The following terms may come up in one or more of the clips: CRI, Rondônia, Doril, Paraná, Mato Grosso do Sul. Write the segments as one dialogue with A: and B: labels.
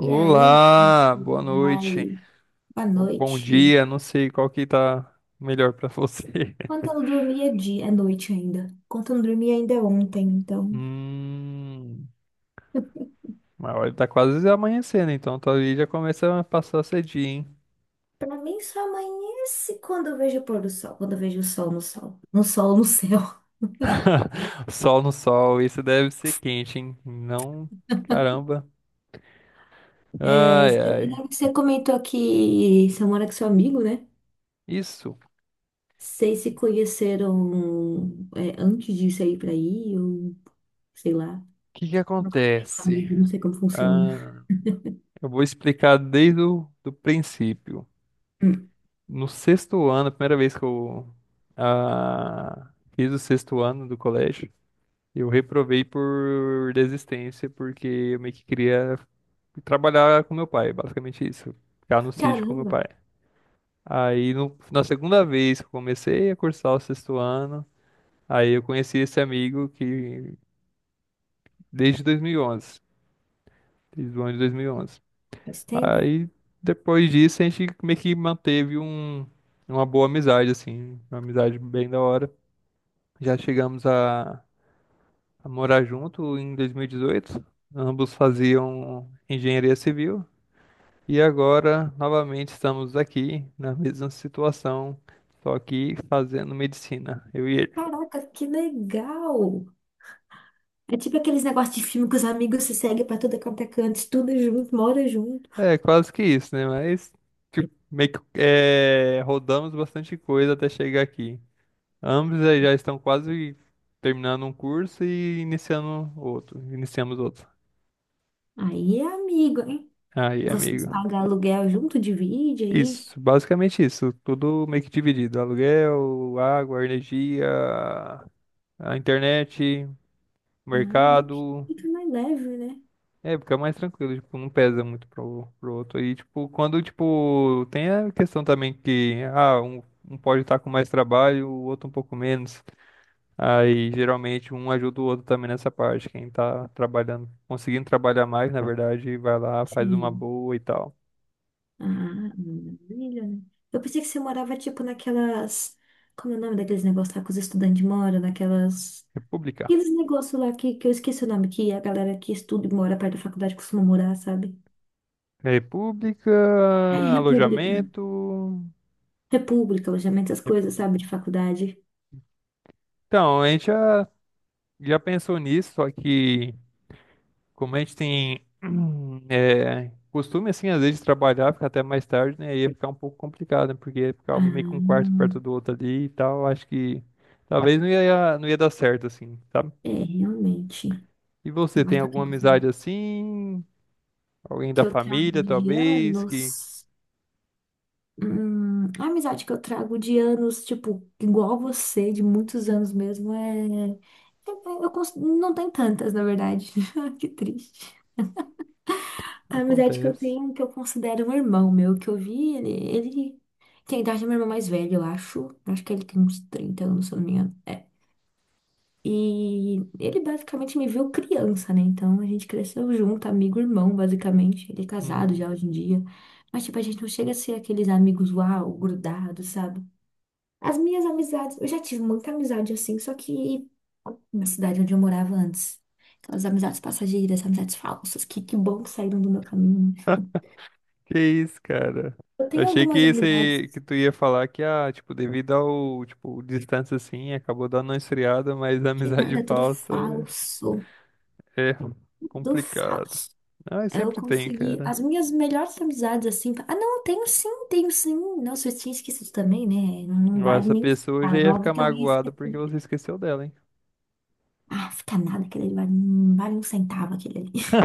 A: E aí, como é
B: boa
A: que
B: noite,
A: vai? Boa
B: ou bom
A: noite.
B: dia, não sei qual que tá melhor pra você.
A: Quando eu não dormi é dia, é noite ainda. Quando eu não dormi ainda é ontem, então.
B: Hum, mas olha, tá quase amanhecendo, então talvez já comece a passar cedinho, hein?
A: Pra mim só amanhece quando eu vejo o pôr do sol, quando eu vejo o sol no sol, no sol no céu.
B: Sol no sol, isso deve ser quente, hein? Não, caramba.
A: É,
B: Ai, ai.
A: né, você comentou que você mora com seu amigo, né?
B: Isso, o
A: Vocês se conheceram é, antes de sair pra aí, ou sei lá.
B: que que
A: Nunca falei com
B: acontece?
A: amigo, não sei como funciona.
B: Ah, eu vou explicar desde o do princípio.
A: Hum.
B: No sexto ano, a primeira vez que eu fiz o sexto ano do colégio, eu reprovei por desistência, porque eu meio que queria trabalhar com meu pai, basicamente isso. Ficar no sítio com meu
A: Caramba,
B: pai. Aí, na segunda vez que eu comecei a cursar o sexto ano, aí eu conheci esse amigo que desde 2011, desde o ano de 2011.
A: faz tempo, hein?
B: Aí, depois disso, a gente meio que manteve uma boa amizade, assim, uma amizade bem da hora. Já chegamos a morar junto em 2018. Ambos faziam engenharia civil e agora novamente estamos aqui na mesma situação, só que fazendo medicina, eu e ele.
A: Caraca, que legal! É tipo aqueles negócios de filme que os amigos se seguem pra tudo quanto é canto, estuda junto, mora junto.
B: É, quase que isso, né? Mas tipo, meio que é, rodamos bastante coisa até chegar aqui. Ambos aí já estão quase terminando um curso e iniciando outro. Iniciamos outro.
A: Aí é amigo, hein?
B: Aí,
A: Vocês
B: amigo.
A: pagam aluguel junto, divide aí.
B: Isso, basicamente isso. Tudo meio que dividido. Aluguel, água, energia, a internet,
A: Ah, é bom,
B: mercado.
A: fica mais leve, né?
B: É, fica mais tranquilo, tipo, não pesa muito pro outro. E, tipo, quando, tipo, tem a questão também que, ah, um pode estar com mais trabalho, o outro um pouco menos. Aí, geralmente, um ajuda o outro também nessa parte. Quem tá trabalhando, conseguindo trabalhar mais, na verdade, vai lá, faz uma
A: Sim.
B: boa e tal.
A: Ah, maravilha, né? Eu pensei que você morava, tipo, naquelas... Como é o nome daqueles negócios lá que os estudantes moram? Naquelas...
B: República.
A: Aqueles negócios lá que eu esqueci o nome, que a galera que estuda e mora perto da faculdade costuma morar, sabe? É
B: República,
A: República.
B: alojamento.
A: República, alojamento, essas coisas,
B: repu-
A: sabe? De faculdade.
B: Então, a gente já pensou nisso, só que como a gente tem é, costume, assim, às vezes de trabalhar, ficar até mais tarde, né? Ia ficar um pouco complicado, né? Porque ia ficar meio que um quarto perto
A: Ah.
B: do outro ali e tal. Acho que talvez não ia dar certo, assim, sabe?
A: É, realmente.
B: E você
A: Mas
B: tem
A: que eu
B: alguma
A: tenho
B: amizade assim? Alguém
A: que
B: da
A: eu trago
B: família,
A: de
B: talvez, que
A: anos. A amizade que eu trago de anos, tipo, igual você, de muitos anos mesmo, é. Eu não tem tantas, na verdade. Que triste. A amizade que eu
B: acontece.
A: tenho, que eu considero um irmão meu, que eu vi, ele tem a idade do meu irmão mais velho, eu acho. Acho que ele tem uns 30 anos, se eu não me engano. É, e ele basicamente me viu criança, né? Então a gente cresceu junto, amigo, irmão, basicamente. Ele é casado
B: Uhum.
A: já hoje em dia. Mas, tipo, a gente não chega a ser aqueles amigos uau, grudados, sabe? As minhas amizades, eu já tive muita amizade assim, só que na cidade onde eu morava antes. Aquelas amizades passageiras, amizades falsas, que bom que saíram do meu caminho, né?
B: Que isso, cara?
A: Eu tenho
B: Achei que
A: algumas amizades
B: esse que tu ia falar que ah, tipo, devido ao, tipo, distância assim, acabou dando uma esfriada, mas a
A: que
B: amizade
A: nada, é tudo
B: falsa
A: falso,
B: é
A: tudo
B: complicado.
A: falso.
B: Ah,
A: Eu
B: sempre tem,
A: consegui
B: cara.
A: as minhas melhores amizades, assim. Ah, não, tenho sim, tenho sim. Nossa, eu tinha esquecido também, né? Não
B: Ó,
A: vale
B: essa
A: nem um
B: pessoa já
A: centavo. É
B: ia ficar
A: óbvio que alguém
B: magoada porque
A: esqueceu.
B: você esqueceu dela, hein?
A: Ah, fica nada, aquele ali vale, não vale um centavo, aquele ali.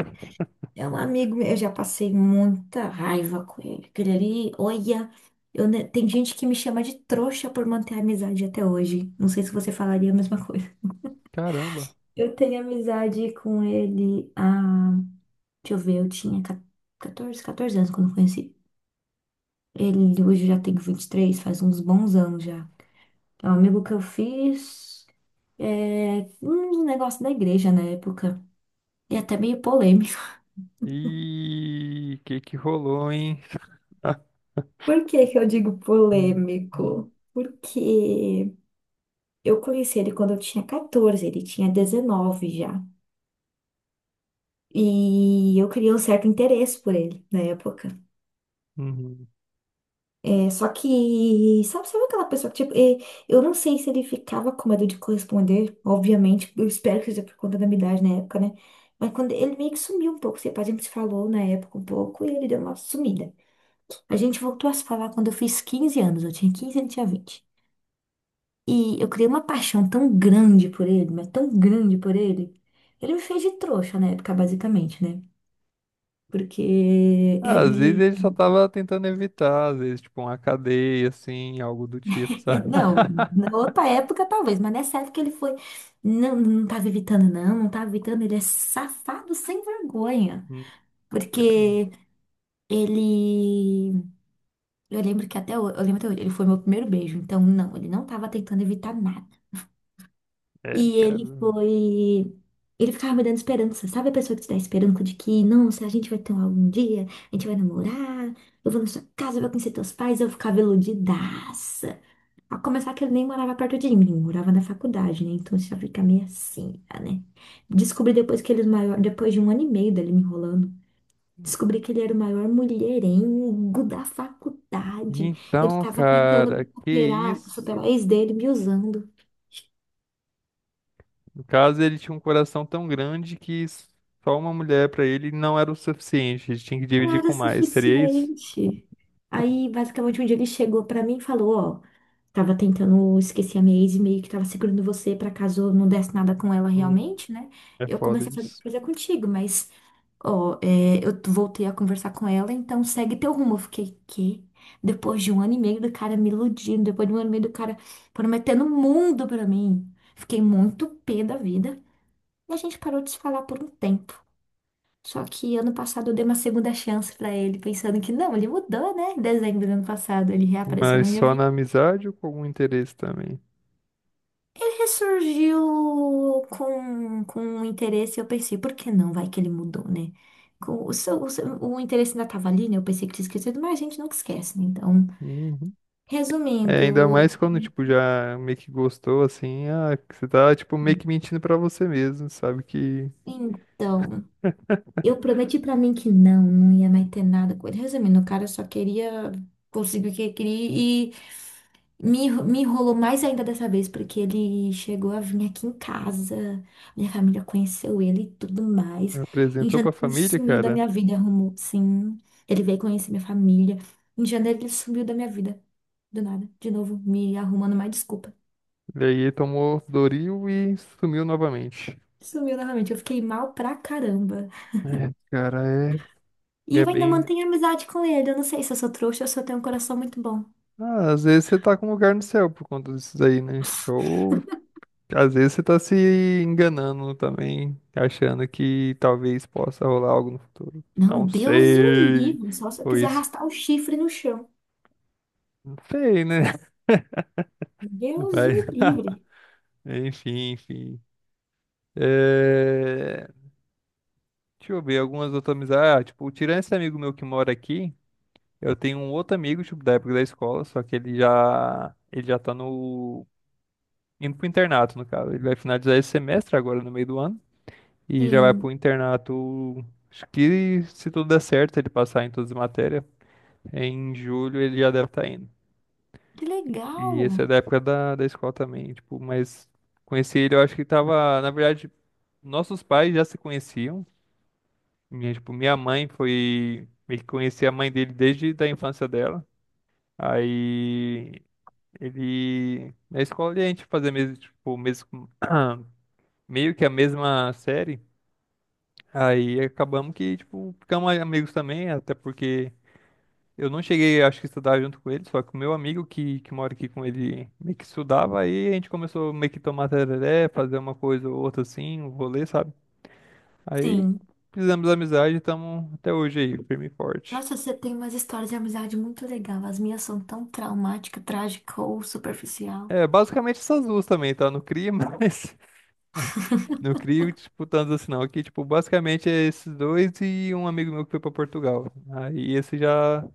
A: É um amigo meu, eu já passei muita raiva com ele. Aquele ali, olha, tem gente que me chama de trouxa por manter a amizade até hoje. Não sei se você falaria a mesma coisa.
B: Caramba.
A: Eu tenho amizade com ele há, deixa eu ver, eu tinha catorze anos quando eu conheci. Ele hoje já tem 23, faz uns bons anos já. É um amigo que eu fiz, é, um negócio da igreja na época. E até meio polêmico.
B: E que rolou, hein?
A: Por que que eu digo
B: Hum, hum,
A: polêmico? Porque eu conheci ele quando eu tinha 14, ele tinha 19 já. E eu criei um certo interesse por ele na época.
B: uhum.
A: É, só que, sabe, aquela pessoa que, tipo, é, eu não sei se ele ficava com medo de corresponder, obviamente, eu espero que seja por conta da minha idade na época, né? Mas quando ele meio que sumiu um pouco, tipo, a gente se falou na época um pouco e ele deu uma sumida. A gente voltou a se falar quando eu fiz 15 anos, eu tinha 15 e ele tinha 20. E eu criei uma paixão tão grande por ele, mas tão grande por ele. Ele me fez de trouxa na época, basicamente, né? Porque
B: Ah, às vezes
A: ele.
B: ele só tava tentando evitar, às vezes, tipo, uma cadeia, assim, algo do tipo,
A: É,
B: sabe?
A: não, na outra época talvez, mas nessa época ele foi. Não, não tava evitando, não, não tava evitando. Ele é safado sem vergonha.
B: Hum,
A: Porque ele. Eu lembro que até hoje, eu lembro até hoje, ele foi meu primeiro beijo. Então, não, ele não tava tentando evitar nada.
B: é,
A: E ele
B: cara.
A: foi. Ele ficava me dando esperança. Sabe a pessoa que te dá esperança de que, não, se a gente vai ter um algum dia, a gente vai namorar, eu vou na sua casa, eu vou conhecer teus pais, eu ficava iludidaça. A começar que ele nem morava perto de mim, morava na faculdade, né? Então isso já fica meio assim, tá, né? Descobri depois que ele era o maior, depois de um ano e meio dele me enrolando, descobri que ele era o maior mulherengo da faculdade. Ele
B: Então,
A: estava tentando
B: cara,
A: me
B: que
A: superar, superar a
B: isso?
A: ex dele, me usando.
B: No caso, ele tinha um coração tão grande que só uma mulher pra ele não era o suficiente. Ele tinha que
A: Não
B: dividir
A: era
B: com mais. Seria isso?
A: suficiente. Aí, basicamente, um dia ele chegou pra mim e falou, ó, tava tentando esquecer a minha ex e meio que tava segurando você pra caso não desse nada com ela
B: Hum,
A: realmente, né?
B: é
A: Eu
B: foda
A: comecei a fazer
B: isso.
A: coisa contigo, mas, ó, é, eu voltei a conversar com ela, então segue teu rumo. Eu fiquei, quê? Depois de um ano e meio do cara me iludindo, depois de um ano e meio do cara prometendo o mundo pra mim. Fiquei muito pé da vida. E a gente parou de se falar por um tempo. Só que ano passado eu dei uma segunda chance pra ele, pensando que não, ele mudou, né? Em dezembro do ano passado ele reapareceu na
B: Mas
A: minha
B: só na
A: vida.
B: amizade ou com algum interesse também?
A: Ele ressurgiu com um interesse, eu pensei, por que não? Vai que ele mudou, né? O interesse ainda tava ali, né? Eu pensei que tinha esquecido, mas a gente nunca esquece, né? Então,
B: Uhum. É,
A: resumindo,
B: ainda mais quando, tipo, já meio que gostou, assim, ah, que você tá, tipo, meio que mentindo pra você mesmo, sabe? Que
A: então, eu prometi pra mim que não, não ia mais ter nada com ele. Resumindo, o cara só queria conseguir o que queria. Me enrolou mais ainda dessa vez, porque ele chegou a vir aqui em casa, minha família conheceu ele e tudo mais. Em
B: apresentou pra
A: janeiro ele
B: família,
A: sumiu da
B: cara.
A: minha vida, arrumou, sim. Ele veio conhecer minha família. Em janeiro ele sumiu da minha vida, do nada, de novo, me arrumando mais desculpa.
B: E aí ele tomou Doril e sumiu novamente.
A: Sumiu novamente, eu fiquei mal pra caramba.
B: É, cara, é,
A: E
B: é
A: eu ainda
B: bem.
A: mantenho amizade com ele, eu não sei se eu sou trouxa ou se eu tenho um coração muito bom.
B: Ah, às vezes você tá com lugar no céu por conta disso daí, né? Ou às vezes você tá se enganando também, achando que talvez possa rolar algo no futuro.
A: Não,
B: Não
A: Deus o
B: sei.
A: livre, só se eu
B: Foi
A: quiser
B: isso.
A: arrastar o chifre no chão.
B: Feio, né?
A: Deus
B: Mas,
A: o livre.
B: enfim, enfim. É... Deixa eu ver algumas outras amizades. Ah, tipo, tirando esse amigo meu que mora aqui, eu tenho um outro amigo, tipo, da época da escola, só que ele já tá no... indo pro internato, no caso. Ele vai finalizar esse semestre agora, no meio do ano. E já vai pro
A: Sim.
B: internato. Acho que se tudo der certo, ele passar em todas as matérias, em julho ele já deve estar indo.
A: Que legal!
B: E esse é da época da escola também, tipo, mas conheci ele, eu acho que tava, na verdade, nossos pais já se conheciam. Minha, tipo, minha mãe foi, meio que conhecia a mãe dele desde da infância dela. Aí ele, na escola a gente fazia mesmo, tipo, mesmo, meio que a mesma série. Aí acabamos que, tipo, ficamos amigos também, até porque eu não cheguei, acho que, a estudar junto com ele, só que o meu amigo que mora aqui com ele meio que estudava, aí a gente começou meio que tomar tereré, fazer uma coisa ou outra assim, um rolê, sabe? Aí
A: Sim.
B: fizemos amizade e estamos até hoje aí, firme e forte.
A: Nossa, você tem umas histórias de amizade muito legal. As minhas são tão traumática, trágica ou superficial.
B: É, basicamente essas duas também, tá? No CRI, mas no CRI, tipo, tanto assim não. Aqui, tipo, basicamente é esses dois e um amigo meu que foi pra Portugal. Aí esse já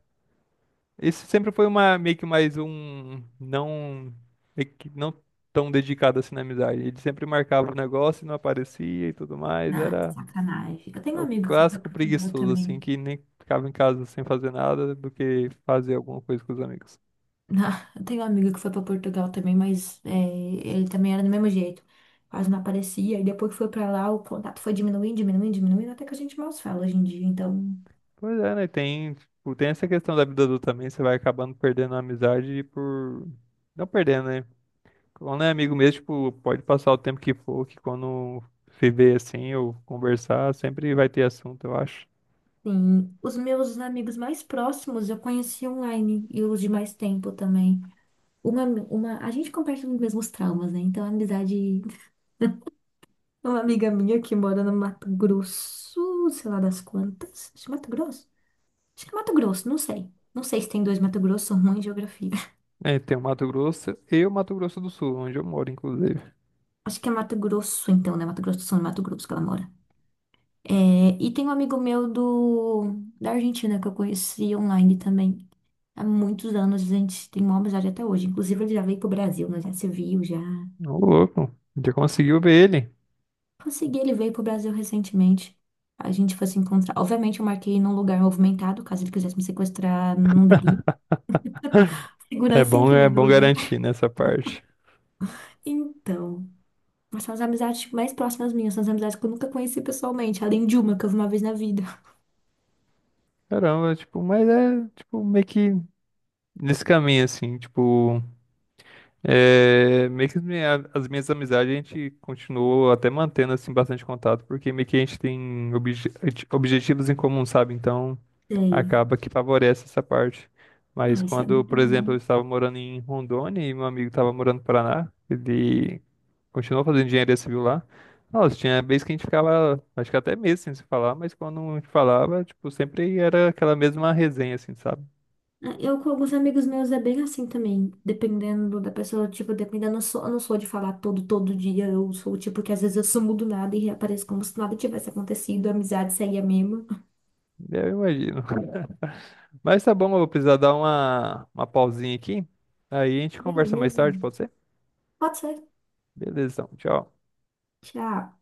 B: isso sempre foi uma meio que mais um não meio que não tão dedicado assim na amizade. Ele sempre marcava o negócio e não aparecia e tudo mais.
A: Ah, é
B: Era
A: sacanagem. Eu tenho
B: é
A: um
B: o
A: amigo que foi pra
B: clássico
A: Portugal
B: preguiçoso assim
A: também.
B: que nem ficava em casa sem fazer nada do que fazer alguma coisa com os amigos.
A: Não, eu tenho um amigo que foi para Portugal também, mas é, ele também era do mesmo jeito. Quase não aparecia. E depois que foi para lá, o contato foi diminuindo, diminuindo, diminuindo, até que a gente mal se fala hoje em dia. Então,
B: Pois é, né? Tem, tipo, tem essa questão da vida adulta também, você vai acabando perdendo a amizade por não perdendo, né? Quando é amigo mesmo, tipo, pode passar o tempo que for, que quando se vê assim ou conversar, sempre vai ter assunto, eu acho.
A: sim, os meus amigos mais próximos eu conheci online e os de mais tempo também. A gente compartilha os mesmos traumas, né? Então, a amizade. Uma amiga minha que mora no Mato Grosso, sei lá das quantas. Acho que é Mato Grosso? Acho que é Mato Grosso, não sei. Não sei se tem dois Mato Grosso, sou ruim em geografia.
B: É, tem o Mato Grosso e o Mato Grosso do Sul, onde eu moro, inclusive.
A: Acho que é Mato Grosso, então, né? Mato Grosso do Sul, no Mato Grosso que ela mora. É, e tem um amigo meu do, da Argentina que eu conheci online também. Há muitos anos, a gente tem uma amizade até hoje. Inclusive, ele já veio pro Brasil, nós já se viu, já.
B: Ô, louco, já conseguiu ver ele.
A: Consegui, ele veio pro Brasil recentemente. A gente foi se encontrar. Obviamente, eu marquei num lugar movimentado, caso ele quisesse me sequestrar, não daria. Segurança em
B: É
A: primeiro
B: bom
A: lugar.
B: garantir nessa parte.
A: Então, mas são as amizades tipo, mais próximas minhas, são as amizades que eu nunca conheci pessoalmente, além de uma que eu vi uma vez na vida.
B: Caramba, tipo, mas é, tipo, meio que nesse caminho, assim, tipo, é, meio que as minhas amizades a gente continuou até mantendo, assim, bastante contato, porque meio que a gente tem objetivos em comum, sabe? Então,
A: Sei.
B: acaba que favorece essa parte. Mas
A: Ah, isso é
B: quando,
A: muito
B: por exemplo,
A: bom.
B: eu estava morando em Rondônia e meu amigo estava morando no Paraná, ele continuou fazendo engenharia civil lá. Nossa, tinha vez que a gente ficava, acho que até meses sem se falar, mas quando a gente falava, tipo, sempre era aquela mesma resenha, assim, sabe?
A: Ah, eu com alguns amigos meus é bem assim também, dependendo da pessoa, tipo, dependendo, eu não sou de falar todo dia, eu sou o tipo que às vezes eu sumo do nada e reapareço como se nada tivesse acontecido, a amizade segue a mesma.
B: Eu imagino. Mas tá bom, eu vou precisar dar uma pausinha aqui. Aí a gente conversa mais
A: Beleza.
B: tarde, pode ser?
A: Pode ser.
B: Beleza, então, tchau.
A: Tchau.